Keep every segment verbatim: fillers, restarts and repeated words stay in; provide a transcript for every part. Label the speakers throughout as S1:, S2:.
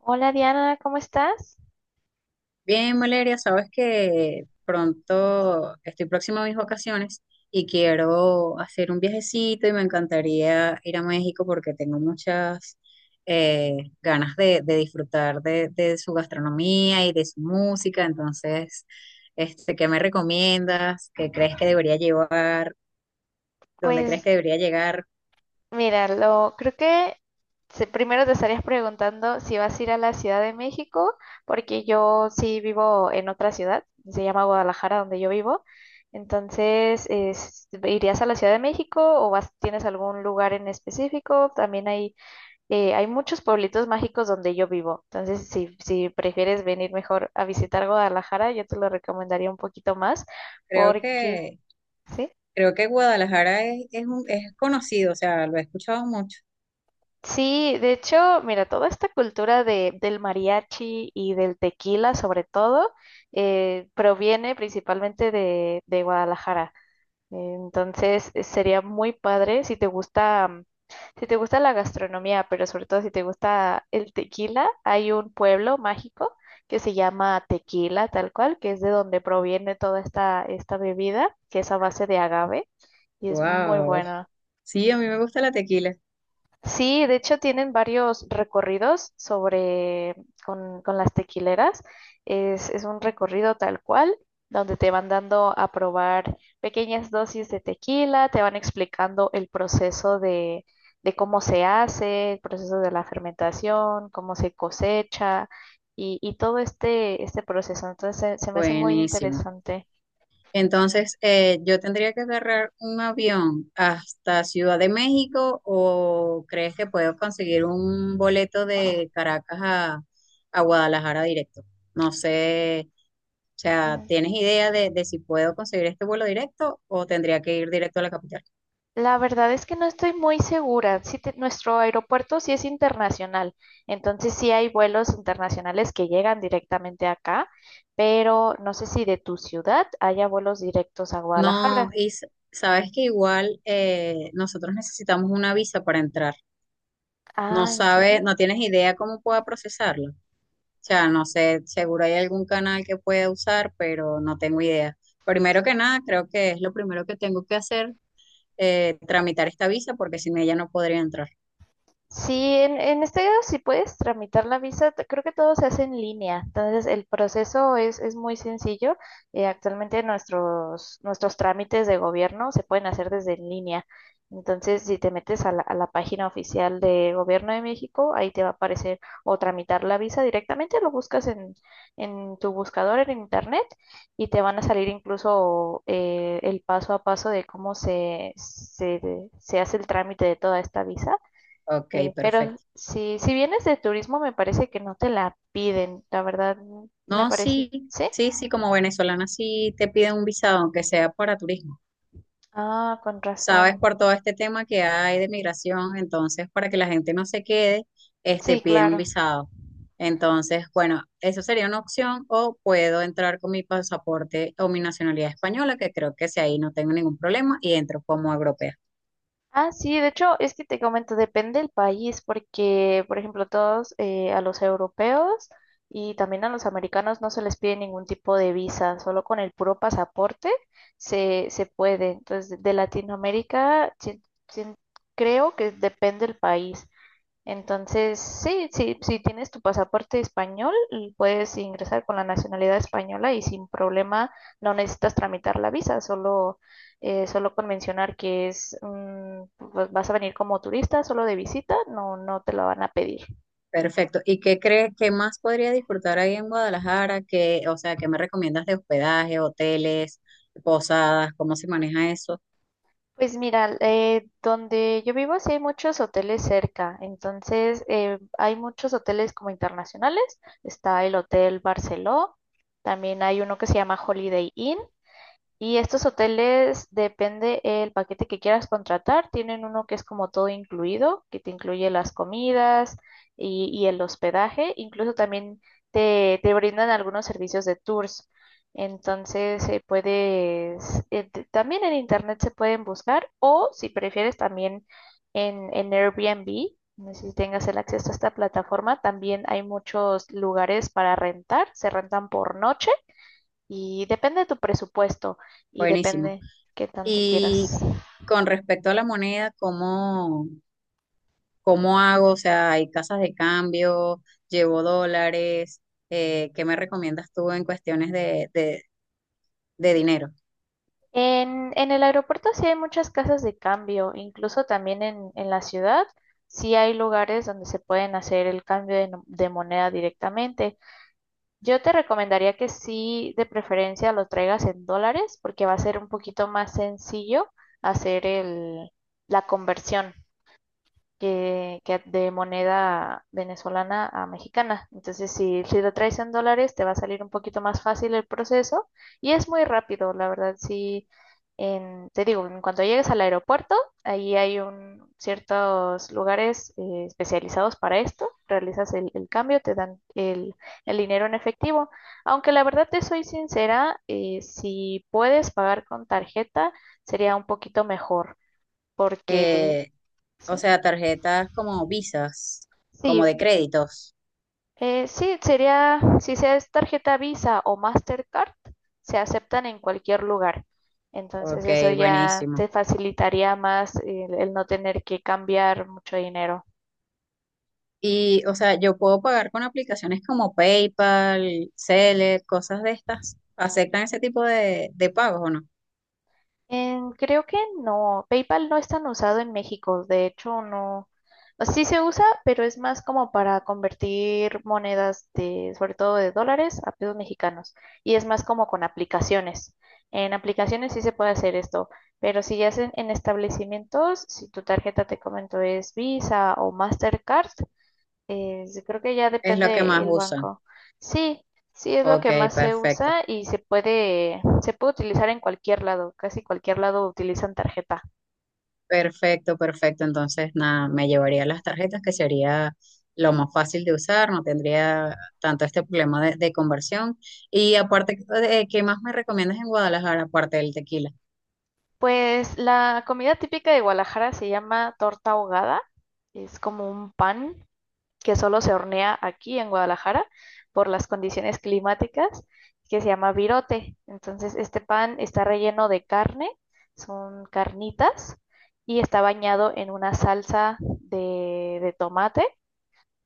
S1: Hola Diana, ¿cómo estás?
S2: Bien, Valeria, sabes que pronto estoy próxima a mis vacaciones y quiero hacer un viajecito y me encantaría ir a México porque tengo muchas eh, ganas de, de disfrutar de, de su gastronomía y de su música. Entonces, este, ¿qué me recomiendas? ¿Qué crees que debería llevar? ¿Dónde crees
S1: Pues
S2: que debería llegar?
S1: mira, lo creo que se- primero te estarías preguntando si vas a ir a la Ciudad de México, porque yo sí vivo en otra ciudad, se llama Guadalajara, donde yo vivo. Entonces, es- ¿irías a la Ciudad de México o vas, tienes algún lugar en específico? También hay, eh, hay muchos pueblitos mágicos donde yo vivo. Entonces, si, si prefieres venir mejor a visitar Guadalajara, yo te lo recomendaría un poquito más,
S2: Creo
S1: porque...
S2: que,
S1: ¿sí?
S2: creo que Guadalajara es, es, un- es conocido, o sea, lo he escuchado mucho.
S1: Sí, de hecho, mira, toda esta cultura de, del mariachi y del tequila, sobre todo, eh, proviene principalmente de, de Guadalajara. Entonces, eh, sería muy padre si te gusta, mm, si te gusta la gastronomía, pero sobre todo si te gusta el tequila, hay un pueblo mágico que se llama Tequila, tal cual, que es de donde proviene toda esta, esta bebida, que es a base de agave y es muy
S2: Wow.
S1: buena.
S2: Sí, a mí me gusta la tequila.
S1: Sí, de hecho tienen varios recorridos sobre con, con las tequileras. Es, es un recorrido tal cual, donde te van dando a probar pequeñas dosis de tequila, te van explicando el proceso de, de cómo se hace, el proceso de la fermentación, cómo se cosecha y, y todo este, este proceso. Entonces se, se me hace muy
S2: Buenísimo.
S1: interesante.
S2: Entonces, eh, yo tendría que agarrar un avión hasta Ciudad de México o crees que puedo conseguir un boleto de Caracas a, a Guadalajara directo? No sé, o sea, ¿tienes idea de, de si puedo conseguir este vuelo directo o tendría que ir directo a la capital?
S1: La verdad es que no estoy muy segura. Sí te- nuestro aeropuerto sí es internacional, entonces sí hay vuelos internacionales que llegan directamente acá, pero no sé si de tu ciudad haya vuelos directos a
S2: No,
S1: Guadalajara.
S2: y s- sabes que igual eh, nosotros necesitamos una visa para entrar. No
S1: Ah, ¿en serio?
S2: sabes, no tienes idea cómo pueda procesarlo. O sea, no sé, seguro hay algún canal que pueda usar, pero no tengo idea. Primero que nada, creo que es lo primero que tengo que hacer, eh, tramitar esta visa, porque sin ella no podría entrar.
S1: Sí, en, en este caso si puedes tramitar la visa, te- creo que todo se hace en línea, entonces el proceso es, es muy sencillo. Eh, actualmente nuestros, nuestros trámites de gobierno se pueden hacer desde en línea, entonces si te metes a la, a la página oficial de Gobierno de México, ahí te va a aparecer o tramitar la visa directamente, lo buscas en, en tu buscador en internet y te van a salir incluso eh, el paso a paso de cómo se, se, se hace el trámite de toda esta visa.
S2: Ok,
S1: Eh, pero
S2: perfecto.
S1: si, si vienes de turismo, me parece que no te la piden, la verdad, mm, me
S2: No,
S1: parece.
S2: sí,
S1: ¿Sí?
S2: sí, sí, como venezolana sí te piden un visado, aunque sea para turismo.
S1: Ah, con
S2: Sabes,
S1: razón.
S2: por todo este tema que hay de migración, entonces para que la gente no se quede, este,
S1: Sí,
S2: pide un
S1: claro.
S2: visado. Entonces, bueno, eso sería una opción o puedo entrar con mi pasaporte o mi nacionalidad española, que creo que si ahí no tengo ningún problema y entro como europea.
S1: Ah, sí, de hecho, es que te comento, depende del país, porque, por ejemplo, todos eh, a los europeos y también a los americanos no se les pide ningún tipo de visa, solo con el puro pasaporte se, se puede. Entonces, de Latinoamérica, sí- sí, creo que depende del país. Entonces, sí, sí, si tienes tu pasaporte español, l- puedes ingresar con la nacionalidad española y sin problema no necesitas tramitar la visa, solo, eh, solo con mencionar que es, mm, pues vas a venir como turista, solo de visita, no, no te la van a pedir.
S2: Perfecto. ¿Y qué crees que más podría disfrutar ahí en Guadalajara? ¿Qué, o sea, qué me recomiendas de hospedaje, hoteles, posadas, cómo se maneja eso?
S1: Pues mira, eh, donde yo vivo sí hay muchos hoteles cerca, entonces eh, hay muchos hoteles como internacionales, está el Hotel Barceló, también hay uno que se llama Holiday Inn. Y estos hoteles, depende el paquete que quieras contratar, tienen uno que es como todo incluido, que te incluye las comidas y, y el hospedaje, incluso también te, te brindan algunos servicios de tours. Entonces, eh, puedes, eh, t- también en internet se pueden buscar o si prefieres también en, en Airbnb, no sé si tengas el acceso a esta plataforma, también hay muchos lugares para rentar, se rentan por noche y depende de tu presupuesto y
S2: Buenísimo.
S1: depende qué tanto
S2: Y
S1: quieras.
S2: con respecto a la moneda, ¿cómo? ¿Cómo hago? O sea, hay casas de cambio, llevo dólares, eh, ¿qué me recomiendas tú en cuestiones de, de, de dinero?
S1: En, en el aeropuerto sí hay muchas casas de cambio, incluso también en, en la ciudad sí hay lugares donde se pueden hacer el cambio de, no- de moneda directamente. Yo te recomendaría que sí, de preferencia, lo traigas en dólares porque va a ser un poquito más sencillo hacer el, la conversión. que, que de moneda venezolana a mexicana. Entonces, si, si lo traes en dólares, te va a salir un poquito más fácil el proceso y es muy rápido, la verdad. Sí, en- te digo, en cuanto llegues al aeropuerto, ahí hay un, ciertos lugares eh, especializados para esto. Realizas el, el cambio, te dan el, el dinero en efectivo. Aunque la verdad te soy sincera, eh, si puedes pagar con tarjeta, sería un poquito mejor porque...
S2: Eh, o
S1: Sí,
S2: sea, tarjetas como visas, como
S1: sí.
S2: de créditos.
S1: Eh, sí, sería, si sea es tarjeta Visa o Mastercard, se aceptan en cualquier lugar. Entonces eso
S2: Ok,
S1: ya
S2: buenísimo.
S1: te facilitaría más el, el no tener que cambiar mucho dinero.
S2: Y, o sea, yo puedo pagar con aplicaciones como PayPal, Zelle, cosas de estas. ¿Aceptan ese tipo de, de pagos o no?
S1: Em, creo que no. PayPal no es tan usado en México. De hecho, no. O sea, sí se usa, pero es más como para convertir monedas de, sobre todo de dólares a pesos mexicanos. Y es más como con aplicaciones. En aplicaciones sí se puede hacer esto, pero si ya es en, en establecimientos, si tu tarjeta te comento es Visa o Mastercard, eh, creo que ya
S2: Es lo que
S1: depende
S2: más
S1: el
S2: usan.
S1: banco. Sí, sí es lo
S2: Ok,
S1: que más se
S2: perfecto.
S1: usa y se puede, se puede utilizar en cualquier lado, casi cualquier lado utilizan tarjeta.
S2: Perfecto, perfecto. Entonces, nada, me llevaría las tarjetas, que sería lo más fácil de usar, no tendría tanto este problema de, de conversión. Y aparte, eh, ¿qué más me recomiendas en Guadalajara, aparte del tequila?
S1: Pues la comida típica de Guadalajara se llama torta ahogada, es como un pan que solo se hornea aquí en Guadalajara por las condiciones climáticas, que se llama virote. Entonces, este pan está relleno de carne, son carnitas, y está bañado en una salsa de, de tomate.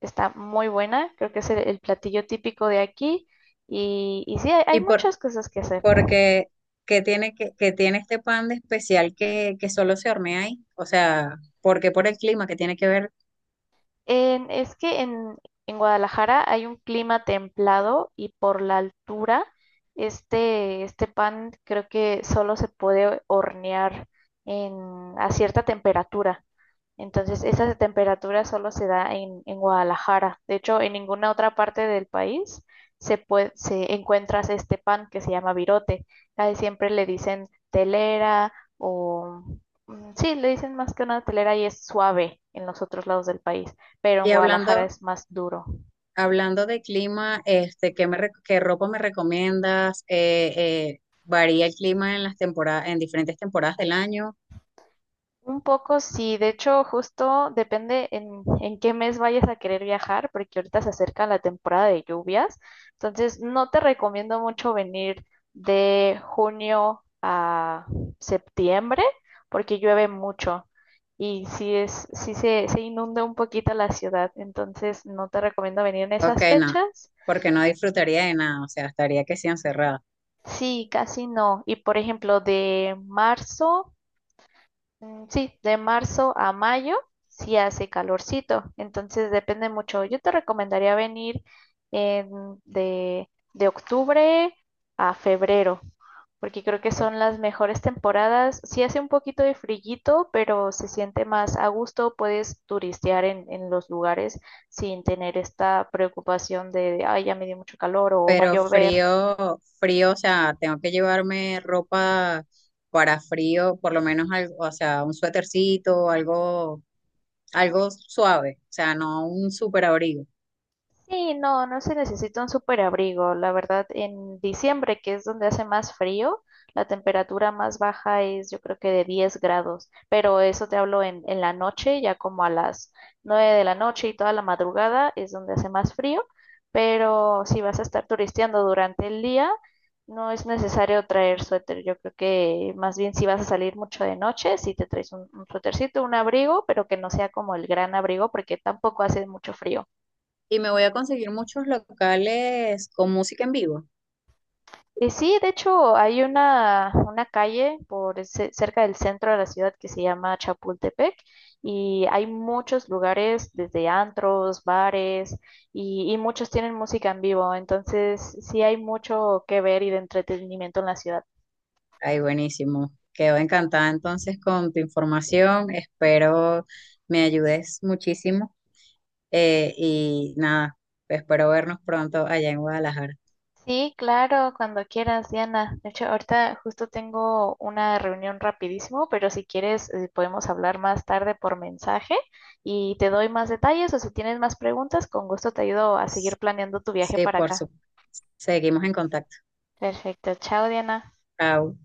S1: Está muy buena, creo que es el, el platillo típico de aquí. Y, y sí, hay, hay
S2: Y por,
S1: muchas cosas que hacer.
S2: porque, ¿qué tiene, que, que tiene este pan de especial que, que solo se hornea ahí? O sea, porque por el clima que tiene que ver?
S1: En- es que en, en Guadalajara hay un clima templado y por la altura, este, este pan creo que solo se puede hornear en, a cierta temperatura. Entonces, esa temperatura solo se da en, en Guadalajara. De hecho, en ninguna otra parte del país se puede, se encuentras este pan que se llama virote. Casi siempre le dicen telera o mm, sí, le dicen más que una telera y es suave en los otros lados del país, pero en
S2: Y
S1: Guadalajara
S2: hablando,
S1: es más duro.
S2: hablando de clima, este, ¿qué me, re- qué ropa me recomiendas? Eh, eh, varía el clima en las temporadas, en diferentes temporadas del año.
S1: Un poco sí, de hecho justo depende en, en qué mes vayas a querer viajar, porque ahorita se acerca la temporada de lluvias, entonces no te recomiendo mucho venir de junio a septiembre, porque llueve mucho y sí es, sí se, se inunda un poquito la ciudad, entonces no te recomiendo venir en
S2: Ok,
S1: esas
S2: no,
S1: fechas.
S2: porque no disfrutaría de nada, o sea, estaría que sí encerrada.
S1: Sí, casi no. Y por ejemplo, de marzo. Mm, sí, de marzo a mayo sí hace calorcito, entonces depende mucho. Yo te recomendaría venir en- de, de octubre a febrero, porque creo que
S2: Ok.
S1: son las mejores temporadas. Sí hace un poquito de frillito, pero se siente más a gusto, puedes turistear en, en los lugares sin tener esta preocupación de, ay, ya me dio mucho calor o va a
S2: Pero
S1: llover.
S2: frío, frío, o sea, tengo que llevarme ropa para frío, por lo menos algo, o sea, un suétercito, algo, algo suave, o sea, no un súper abrigo.
S1: Sí, no, no se necesita un superabrigo. La verdad, en diciembre, que es donde hace más frío, la temperatura más baja es yo creo que de diez grados, pero eso te hablo en, en la noche, ya como a las nueve de la noche y toda la madrugada es donde hace más frío, pero si vas a estar turisteando durante el día, no es necesario traer suéter. Yo creo que más bien si vas a salir mucho de noche, si te traes un, un suétercito, un abrigo, pero que no sea como el gran abrigo porque tampoco hace mucho frío.
S2: Y me voy a conseguir muchos locales con música en vivo.
S1: Y sí, de hecho, hay una, una calle por el ce- cerca del centro de la ciudad que se llama Chapultepec y hay muchos lugares, desde antros, bares y, y muchos tienen música en vivo, entonces sí hay mucho que ver y de entretenimiento en la ciudad.
S2: Ay, buenísimo. Quedo encantada entonces con tu información. Espero me ayudes muchísimo. Eh, y nada, espero vernos pronto allá en Guadalajara.
S1: Sí, claro, cuando quieras, Diana. De hecho, ahorita justo tengo una reunión rapidísimo, pero si quieres, eh, podemos hablar más tarde por mensaje y te doy más detalles o si tienes más preguntas, con gusto te ayudo a seguir planeando tu viaje
S2: Sí,
S1: para
S2: por
S1: acá.
S2: supuesto. Seguimos en contacto.
S1: Perfecto, chao, Diana.
S2: Chao.